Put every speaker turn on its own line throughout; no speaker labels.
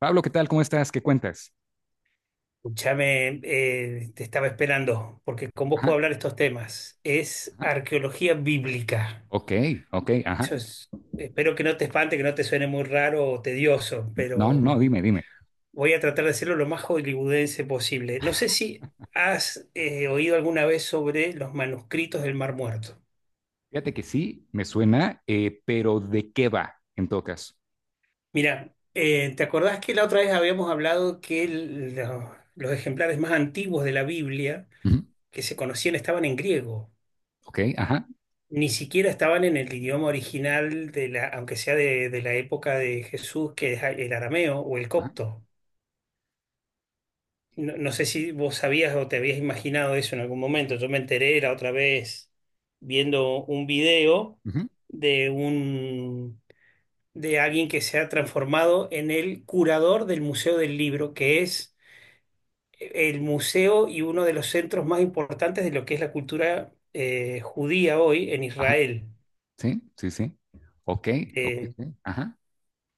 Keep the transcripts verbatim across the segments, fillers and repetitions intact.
Pablo, ¿qué tal? ¿Cómo estás? ¿Qué cuentas?
Escúchame, eh, te estaba esperando, porque con vos
Ajá,
puedo hablar estos temas. Es
ajá.
arqueología bíblica.
Ok, ok, ajá.
Eso es- espero que no te espante, que no te suene muy raro o tedioso,
No,
pero
no,
mm,
dime, dime.
voy a tratar de hacerlo lo más hollywoodense posible. No sé si has eh, oído alguna vez sobre los manuscritos del Mar Muerto.
Fíjate que sí, me suena, eh, pero ¿de qué va en todo caso?
Mira, eh, ¿te acordás que la otra vez habíamos hablado que el- lo- los ejemplares más antiguos de la Biblia
Ujú,
que se conocían estaban en griego?
ok, ajá,
Ni siquiera estaban en el idioma original, de la, aunque sea de, de la época de Jesús, que es el arameo o el
ajá,
copto. No, no sé si vos sabías o te habías imaginado eso en algún momento. Yo me enteré la otra vez viendo un video
ujú,
de un de alguien que se ha transformado en el curador del Museo del Libro, que es el museo y uno de los centros más importantes de lo que es la cultura eh, judía hoy en
ajá.
Israel.
Sí, sí, sí. Ok, ok,
Eh,
sí, ajá,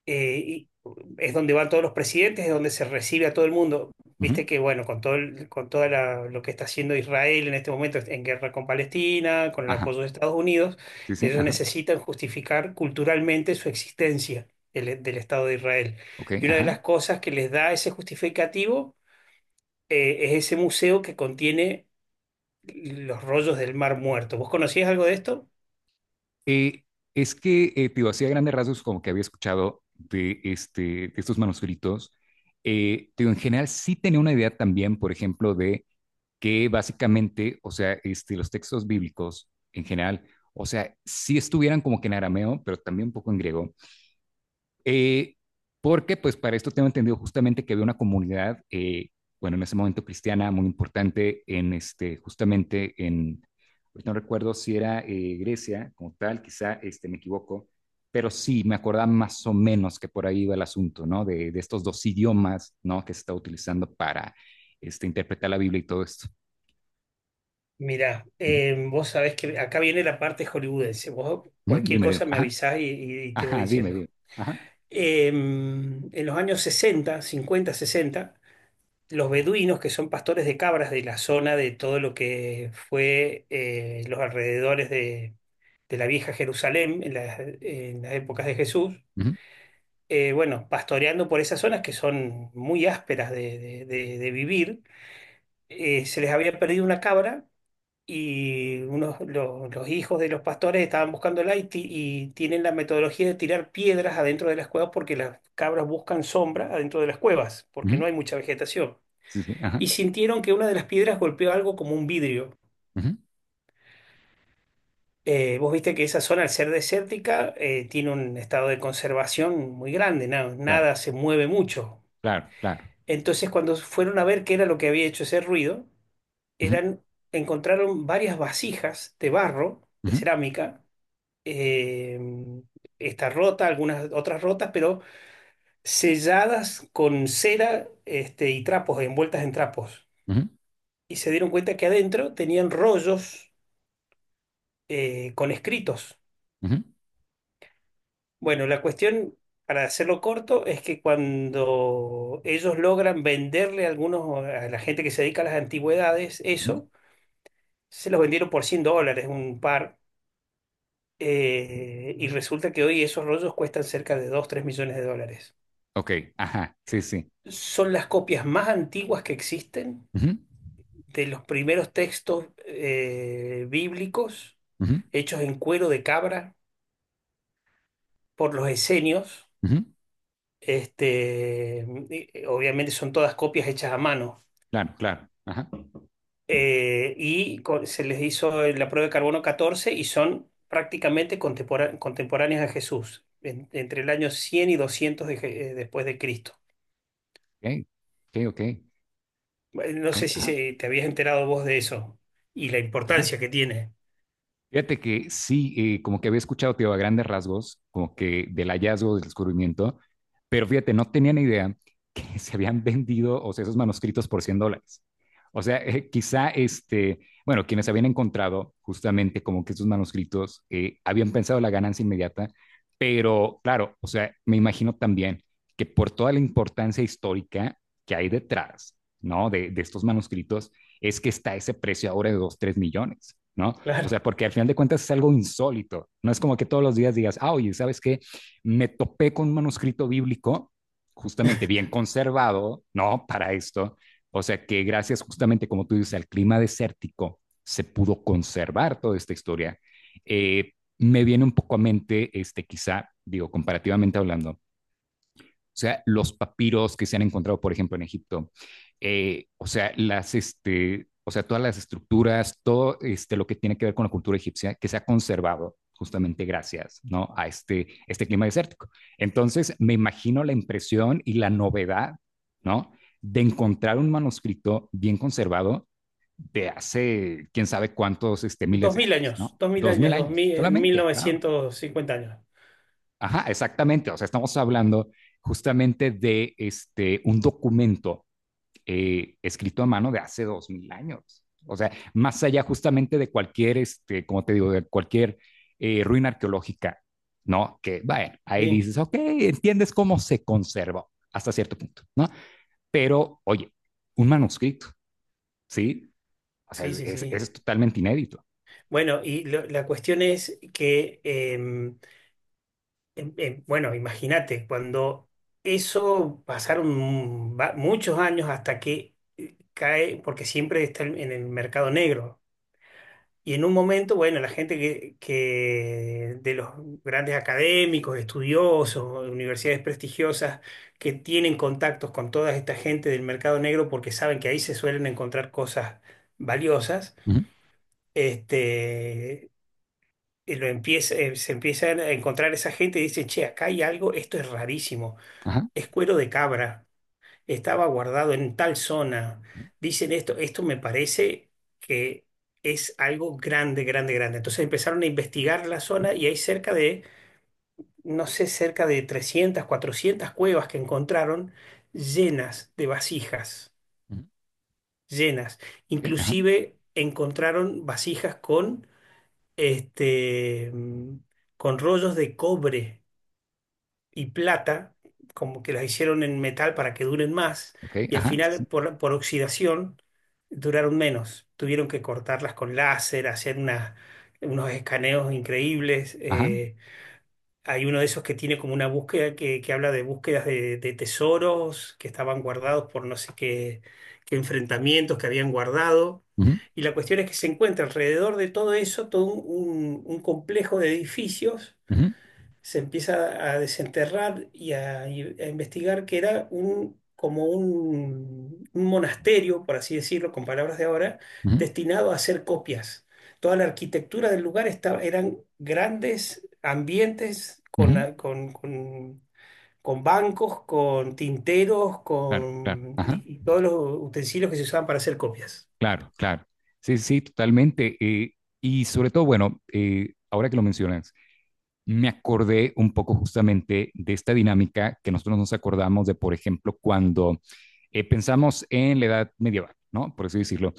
eh, y es donde van todos los presidentes, es donde se recibe a todo el mundo.
ujú,
Viste que, bueno, con todo el- con toda la- lo que está haciendo Israel en este momento en guerra con Palestina, con el
ajá.
apoyo de Estados Unidos,
Sí, sí,
ellos
ajá.
necesitan justificar culturalmente su existencia el- del Estado de Israel.
Ok,
Y una de
ajá.
las cosas que les da ese justificativo eh, es ese museo que contiene los rollos del Mar Muerto. ¿Vos conocías algo de esto?
Eh, es que, eh, te digo, así a grandes rasgos, como que había escuchado de, este, de estos manuscritos, eh, te digo, en general sí tenía una idea también, por ejemplo, de que básicamente, o sea, este, los textos bíblicos en general, o sea, sí estuvieran como que en arameo, pero también un poco en griego, eh, porque pues para esto tengo entendido justamente que había una comunidad, eh, bueno, en ese momento cristiana muy importante en este, justamente en, no recuerdo si era eh, Grecia como tal, quizá este, me equivoco, pero sí me acordaba más o menos que por ahí iba el asunto, ¿no? De, de estos dos idiomas, ¿no? Que se está utilizando para este, interpretar la Biblia y todo esto.
Mirá, eh, vos sabés que acá viene la parte hollywoodense. Vos
Mm,
cualquier
Dime, dime.
cosa me
Ajá,
avisás y, y- y te voy
ajá, dime,
diciendo.
dime. Ajá,
Eh, en los años sesenta, cincuenta, sesenta, los beduinos, que son pastores de cabras de la zona de todo lo que fue eh, los alrededores de, de la vieja Jerusalén en las, en las épocas de Jesús,
ujú,
eh, bueno, pastoreando por esas zonas que son muy ásperas de de- de- de vivir, eh, se les había perdido una cabra y unos, lo- los hijos de los pastores estaban buscándola y, ti- y tienen la metodología de tirar piedras adentro de las cuevas porque las cabras buscan sombra adentro de las cuevas, porque
ujú,
no hay mucha vegetación.
sí, sí, ajá,
Y sintieron que una de las piedras golpeó algo como un vidrio.
ujú,
Eh, vos viste que esa zona, al ser desértica, eh, tiene un estado de conservación muy grande, na-
claro,
nada se mueve mucho.
claro, claro,
Entonces, cuando fueron a ver qué era lo que había hecho ese ruido,
ujú,
eran, encontraron varias vasijas de barro, de
ujú,
cerámica, eh, está rota, algunas otras rotas, pero selladas con cera, este, y trapos, envueltas en trapos.
ujú,
Y se dieron cuenta que adentro tenían rollos eh, con escritos.
ujú,
Bueno, la cuestión, para hacerlo corto, es que cuando ellos logran venderle a algunos, a la gente que se dedica a las antigüedades,
ujú,
eso, se los vendieron por cien dólares, un par. eh, y resulta que hoy esos rollos cuestan cerca de dos tres millones de dólares.
ok, ajá, sí, sí,
Son las copias más antiguas que existen
ujú,
de los primeros textos eh, bíblicos
ujú,
hechos en cuero de cabra por los esenios.
ujú,
Este, eh, obviamente son todas copias hechas a mano.
claro, claro. Ajá.
Eh, y con- se les hizo la prueba de carbono catorce y son prácticamente contempora- contemporáneas a Jesús, en- entre el año cien y doscientos de Je- eh, después de Cristo.
Ok, ok, ok,
Eh, No
ok,
sé si
ajá,
se- te habías enterado vos de eso y la
ajá.
importancia que tiene.
Fíjate que sí, eh, como que había escuchado, tío, a grandes rasgos, como que del hallazgo, del descubrimiento, pero fíjate, no tenía ni idea que se habían vendido, o sea, esos manuscritos por cien dólares. O sea, eh, quizá, este, bueno, quienes habían encontrado justamente como que esos manuscritos eh, habían pensado la ganancia inmediata, pero claro, o sea, me imagino también que por toda la importancia histórica que hay detrás, ¿no? De, de estos manuscritos, es que está ese precio ahora de dos tres millones, ¿no? O sea,
Claro.
porque al final de cuentas es algo insólito. No es como que todos los días digas, ah, oye, ¿sabes qué? Me topé con un manuscrito bíblico justamente bien conservado, ¿no? Para esto. O sea, que gracias justamente, como tú dices, al clima desértico se pudo conservar toda esta historia. Eh, me viene un poco a mente, este, quizá, digo, comparativamente hablando, o sea, los papiros que se han encontrado, por ejemplo, en Egipto. Eh, o sea, las, este, o sea, todas las estructuras, todo este, lo que tiene que ver con la cultura egipcia que se ha conservado justamente gracias, ¿no?, a este, este clima desértico. Entonces, me imagino la impresión y la novedad, ¿no?, de encontrar un manuscrito bien conservado de hace quién sabe cuántos este, miles
Dos
de
mil
años,
años,
¿no?
dos mil
Dos mil
años, dos
años
mil, mil
solamente, claro.
novecientos cincuenta años.
Ajá, exactamente. O sea, estamos hablando justamente de este, un documento eh, escrito a mano de hace dos mil años. O sea, más allá justamente de cualquier, este, como te digo, de cualquier eh, ruina arqueológica, ¿no? Que, bueno, ahí
Sí,
dices, ok, entiendes cómo se conservó hasta cierto punto, ¿no? Pero, oye, un manuscrito, ¿sí? O sea,
sí,
es,
sí,
es
sí.
es totalmente inédito.
Bueno, y lo- la cuestión es que, em, em, em, bueno, imagínate, cuando eso pasaron va- muchos años hasta que eh, cae, porque siempre está en en el mercado negro. Y en un momento, bueno, la gente que, que de los grandes académicos, estudiosos, universidades prestigiosas, que tienen contactos con toda esta gente del mercado negro porque saben que ahí se suelen encontrar cosas valiosas,
Uh -huh.
este, y lo empieza, eh, se empiezan a encontrar esa gente y dicen, che, acá hay algo, esto es rarísimo,
Ajá.
es cuero de cabra, estaba guardado en tal zona,
Uh
dicen esto, esto me parece que es algo grande, grande, grande. Entonces empezaron a investigar la zona y hay cerca de, no sé, cerca de trescientas cuatrocientas cuevas que encontraron llenas de vasijas,
-huh.
llenas.
Sí, ajá.
Inclusive encontraron vasijas con, este, mm, con rollos de cobre y plata, como que las hicieron en metal para que duren más,
Ok,
y al
ajá. Sí,
final
sí.
por, por oxidación duraron menos. Tuvieron que cortarlas con láser, hacer unas- unos escaneos increíbles.
Ajá.
eh, hay uno de esos que tiene como una búsqueda que, que habla de búsquedas de, de tesoros que estaban guardados por no sé qué, qué enfrentamientos que habían guardado.
Uh
Y la cuestión es que se encuentra alrededor de todo eso todo un un- un complejo de edificios, se empieza a desenterrar y a, y a investigar que era un, como un, un monasterio, por así decirlo, con palabras de ahora,
-huh.
destinado a hacer copias. Toda la arquitectura del lugar estaba, eran grandes ambientes con,
Ujú,
a- con, con- con bancos, con tinteros,
claro, claro,
con,
ajá,
y, y todos los utensilios que se usaban para hacer copias.
claro, claro. Sí, sí, sí, totalmente. Eh, y sobre todo, bueno, eh, ahora que lo mencionas, me acordé un poco justamente de esta dinámica que nosotros nos acordamos de, por ejemplo, cuando eh, pensamos en la edad medieval, ¿no? Por así decirlo,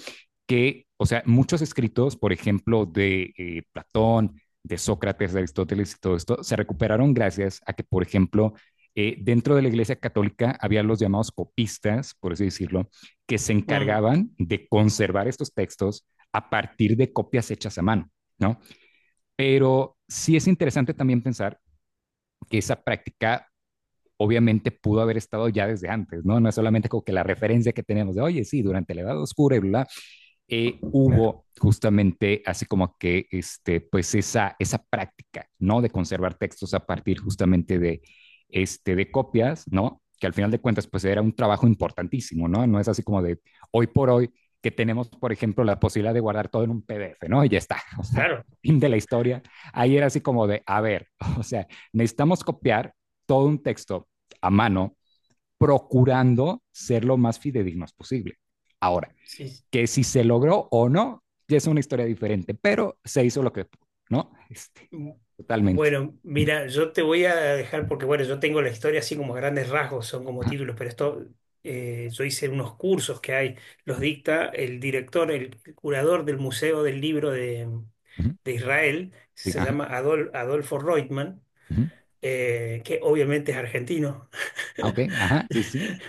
que, o sea, muchos escritos, por ejemplo, de eh, Platón, de Sócrates, de Aristóteles y todo esto, se recuperaron gracias a que, por ejemplo, eh, dentro de la Iglesia Católica había los llamados copistas, por así decirlo, que se
Mm,
encargaban de conservar estos textos a partir de copias hechas a mano, ¿no? Pero sí es interesante también pensar que esa práctica obviamente pudo haber estado ya desde antes, ¿no? No es solamente como que la referencia que tenemos de, oye, sí, durante la Edad Oscura y bla, bla, eh,
claro,
hubo justamente así como que este, pues esa, esa práctica, ¿no? De conservar textos a partir justamente de, este, de copias, ¿no? Que al final de cuentas, pues era un trabajo importantísimo, ¿no? No es así como de hoy por hoy que tenemos, por ejemplo, la posibilidad de guardar todo en un P D F, ¿no? Y ya está, o sea,
claro.
fin de la historia. Ahí era así como de, a ver, o sea, necesitamos copiar todo un texto a mano, procurando ser lo más fidedignos posible. Ahora,
Sí, sí.
que si se logró o no, ya es una historia diferente, pero se hizo lo que pudo, ¿no? Este, totalmente.
Bueno, mira, yo te voy a dejar porque, bueno, yo tengo la historia así como a grandes rasgos, son como
Ajá.
títulos, pero esto, eh, yo hice unos cursos que hay, los dicta el director, el curador del Museo del Libro de, de Israel,
Sí,
se
ajá.
llama Adol- Adolfo Reutemann,
Ujú.
eh, que obviamente es argentino,
Ah, ok, ajá, sí, sí.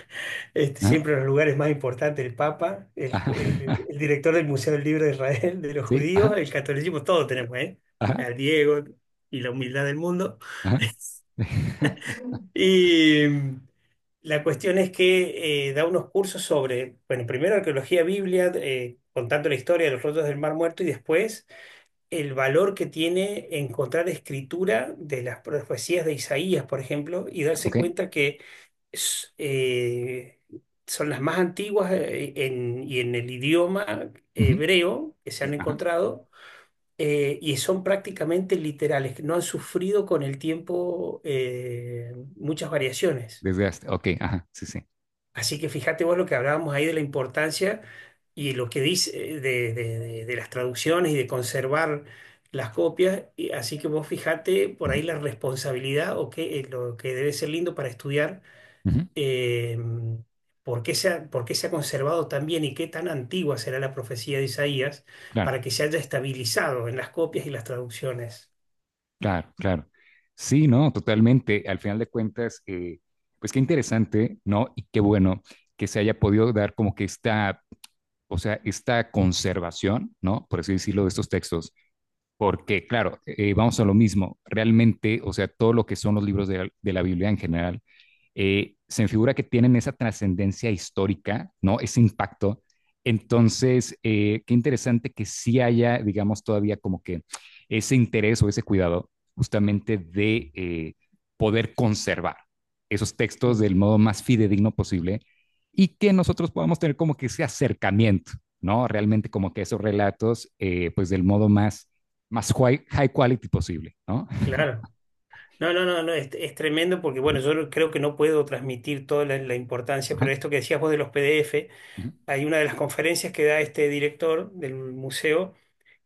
Este,
Ajá,
siempre en los lugares más importantes, el Papa, el,
ajá,
el- el director del Museo del Libro de Israel, de los
sí,
judíos,
ajá,
el catolicismo, todo tenemos, ¿eh?
ajá,
Al Diego y la humildad del mundo.
ajá.
Y mm, la cuestión es que eh, da unos cursos sobre, bueno, primero arqueología biblia, eh, contando la historia de los rotos del Mar Muerto y después el valor que tiene encontrar escritura de las profecías de Isaías, por ejemplo, y
Ah,
darse
ok,
cuenta que s- eh, son las más antiguas eh, en- y en el idioma
ujú,
hebreo que se
sí,
han
ajá.
encontrado. eh, y son prácticamente literales, que no han sufrido con el tiempo eh, muchas variaciones.
Desgaste, ok, ajá, sí, sí,
Así que fíjate vos lo que hablábamos ahí de la importancia y lo que dice eh, de, de- de- de- las traducciones y de conservar las copias. Y así que vos fíjate por ahí
ujú,
la responsabilidad o qué eh, lo que debe ser lindo para estudiar
ujú,
eh, por qué se ha, por qué se ha conservado tan bien y qué tan antigua será la profecía de Isaías
claro,
para que se haya estabilizado en las copias y las traducciones.
claro, claro. Sí, no, totalmente. Al final de cuentas, eh, pues qué interesante, ¿no? Y qué bueno que se haya podido dar como que esta, o sea, esta conservación, ¿no? Por así decirlo, de estos textos, porque, claro, eh, vamos a lo mismo, realmente, o sea, todo lo que son los libros de, de la Biblia en general, eh, se me figura que tienen esa trascendencia histórica, ¿no? Ese impacto. Entonces, eh, qué interesante que sí haya, digamos, todavía como que ese interés o ese cuidado justamente de eh, poder conservar esos textos
Mm.
del modo más fidedigno posible y que nosotros podamos tener como que ese acercamiento, ¿no? Realmente como que esos relatos, eh, pues del modo más, más high, high quality posible, ¿no?
Claro. No, no, no, no, es, es tremendo porque, bueno, yo no- creo que no puedo transmitir toda la, la importancia, pero
Ajá,
esto que decías vos de los P D F,
ajá,
hay una de las conferencias que da este director del museo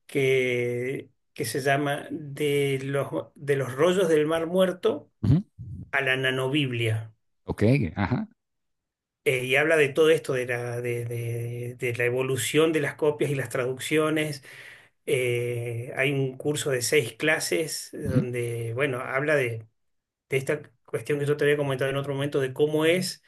que, que se llama de los, de los rollos del Mar Muerto
ajá.
a la nanobiblia.
Ok, ajá.
Eh, y habla de todo esto, de la, de, de de la evolución de las copias y las traducciones. Eh, hay un curso de seis clases
Ajá,
donde, bueno, habla de esta cuestión que yo te había comentado en otro momento, de cómo es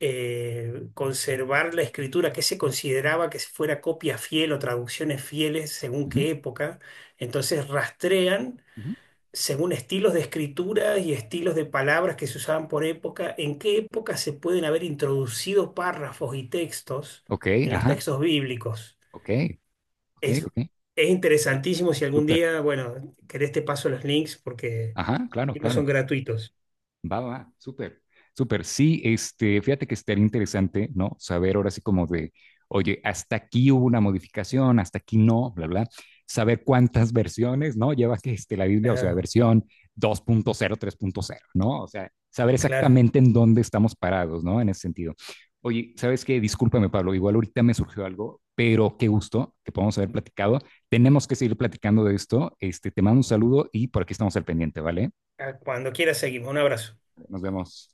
eh, conservar la escritura, que se consideraba que fuera copia fiel o traducciones fieles según
ajá.
qué época. Entonces rastrean
Ujú.
según estilos de escritura y estilos de palabras que se usaban por época, en qué época se pueden haber introducido párrafos y textos
Ok,
en los
ajá,
textos bíblicos.
ok, ok,
Es,
ok,
es interesantísimo. Si algún
súper,
día, bueno, querés te paso los links porque
ajá, claro,
no
claro.
son gratuitos.
Va, va, súper, súper. Sí, este, fíjate que estaría interesante, ¿no? Saber ahora sí como de, oye, hasta aquí hubo una modificación, hasta aquí no, bla, bla. Saber cuántas versiones, ¿no? Lleva que este, la Biblia, o sea,
Claro,
versión dos punto cero, tres punto cero, ¿no? O sea, saber
claro.
exactamente en dónde estamos parados, ¿no? En ese sentido. Oye, ¿sabes qué? Discúlpame, Pablo, igual ahorita me surgió algo, pero qué gusto que podamos haber platicado. Tenemos que seguir platicando de esto. Este, te mando un saludo y por aquí estamos al pendiente, ¿vale?
Ah, cuando quieras seguimos. Un abrazo.
Nos vemos.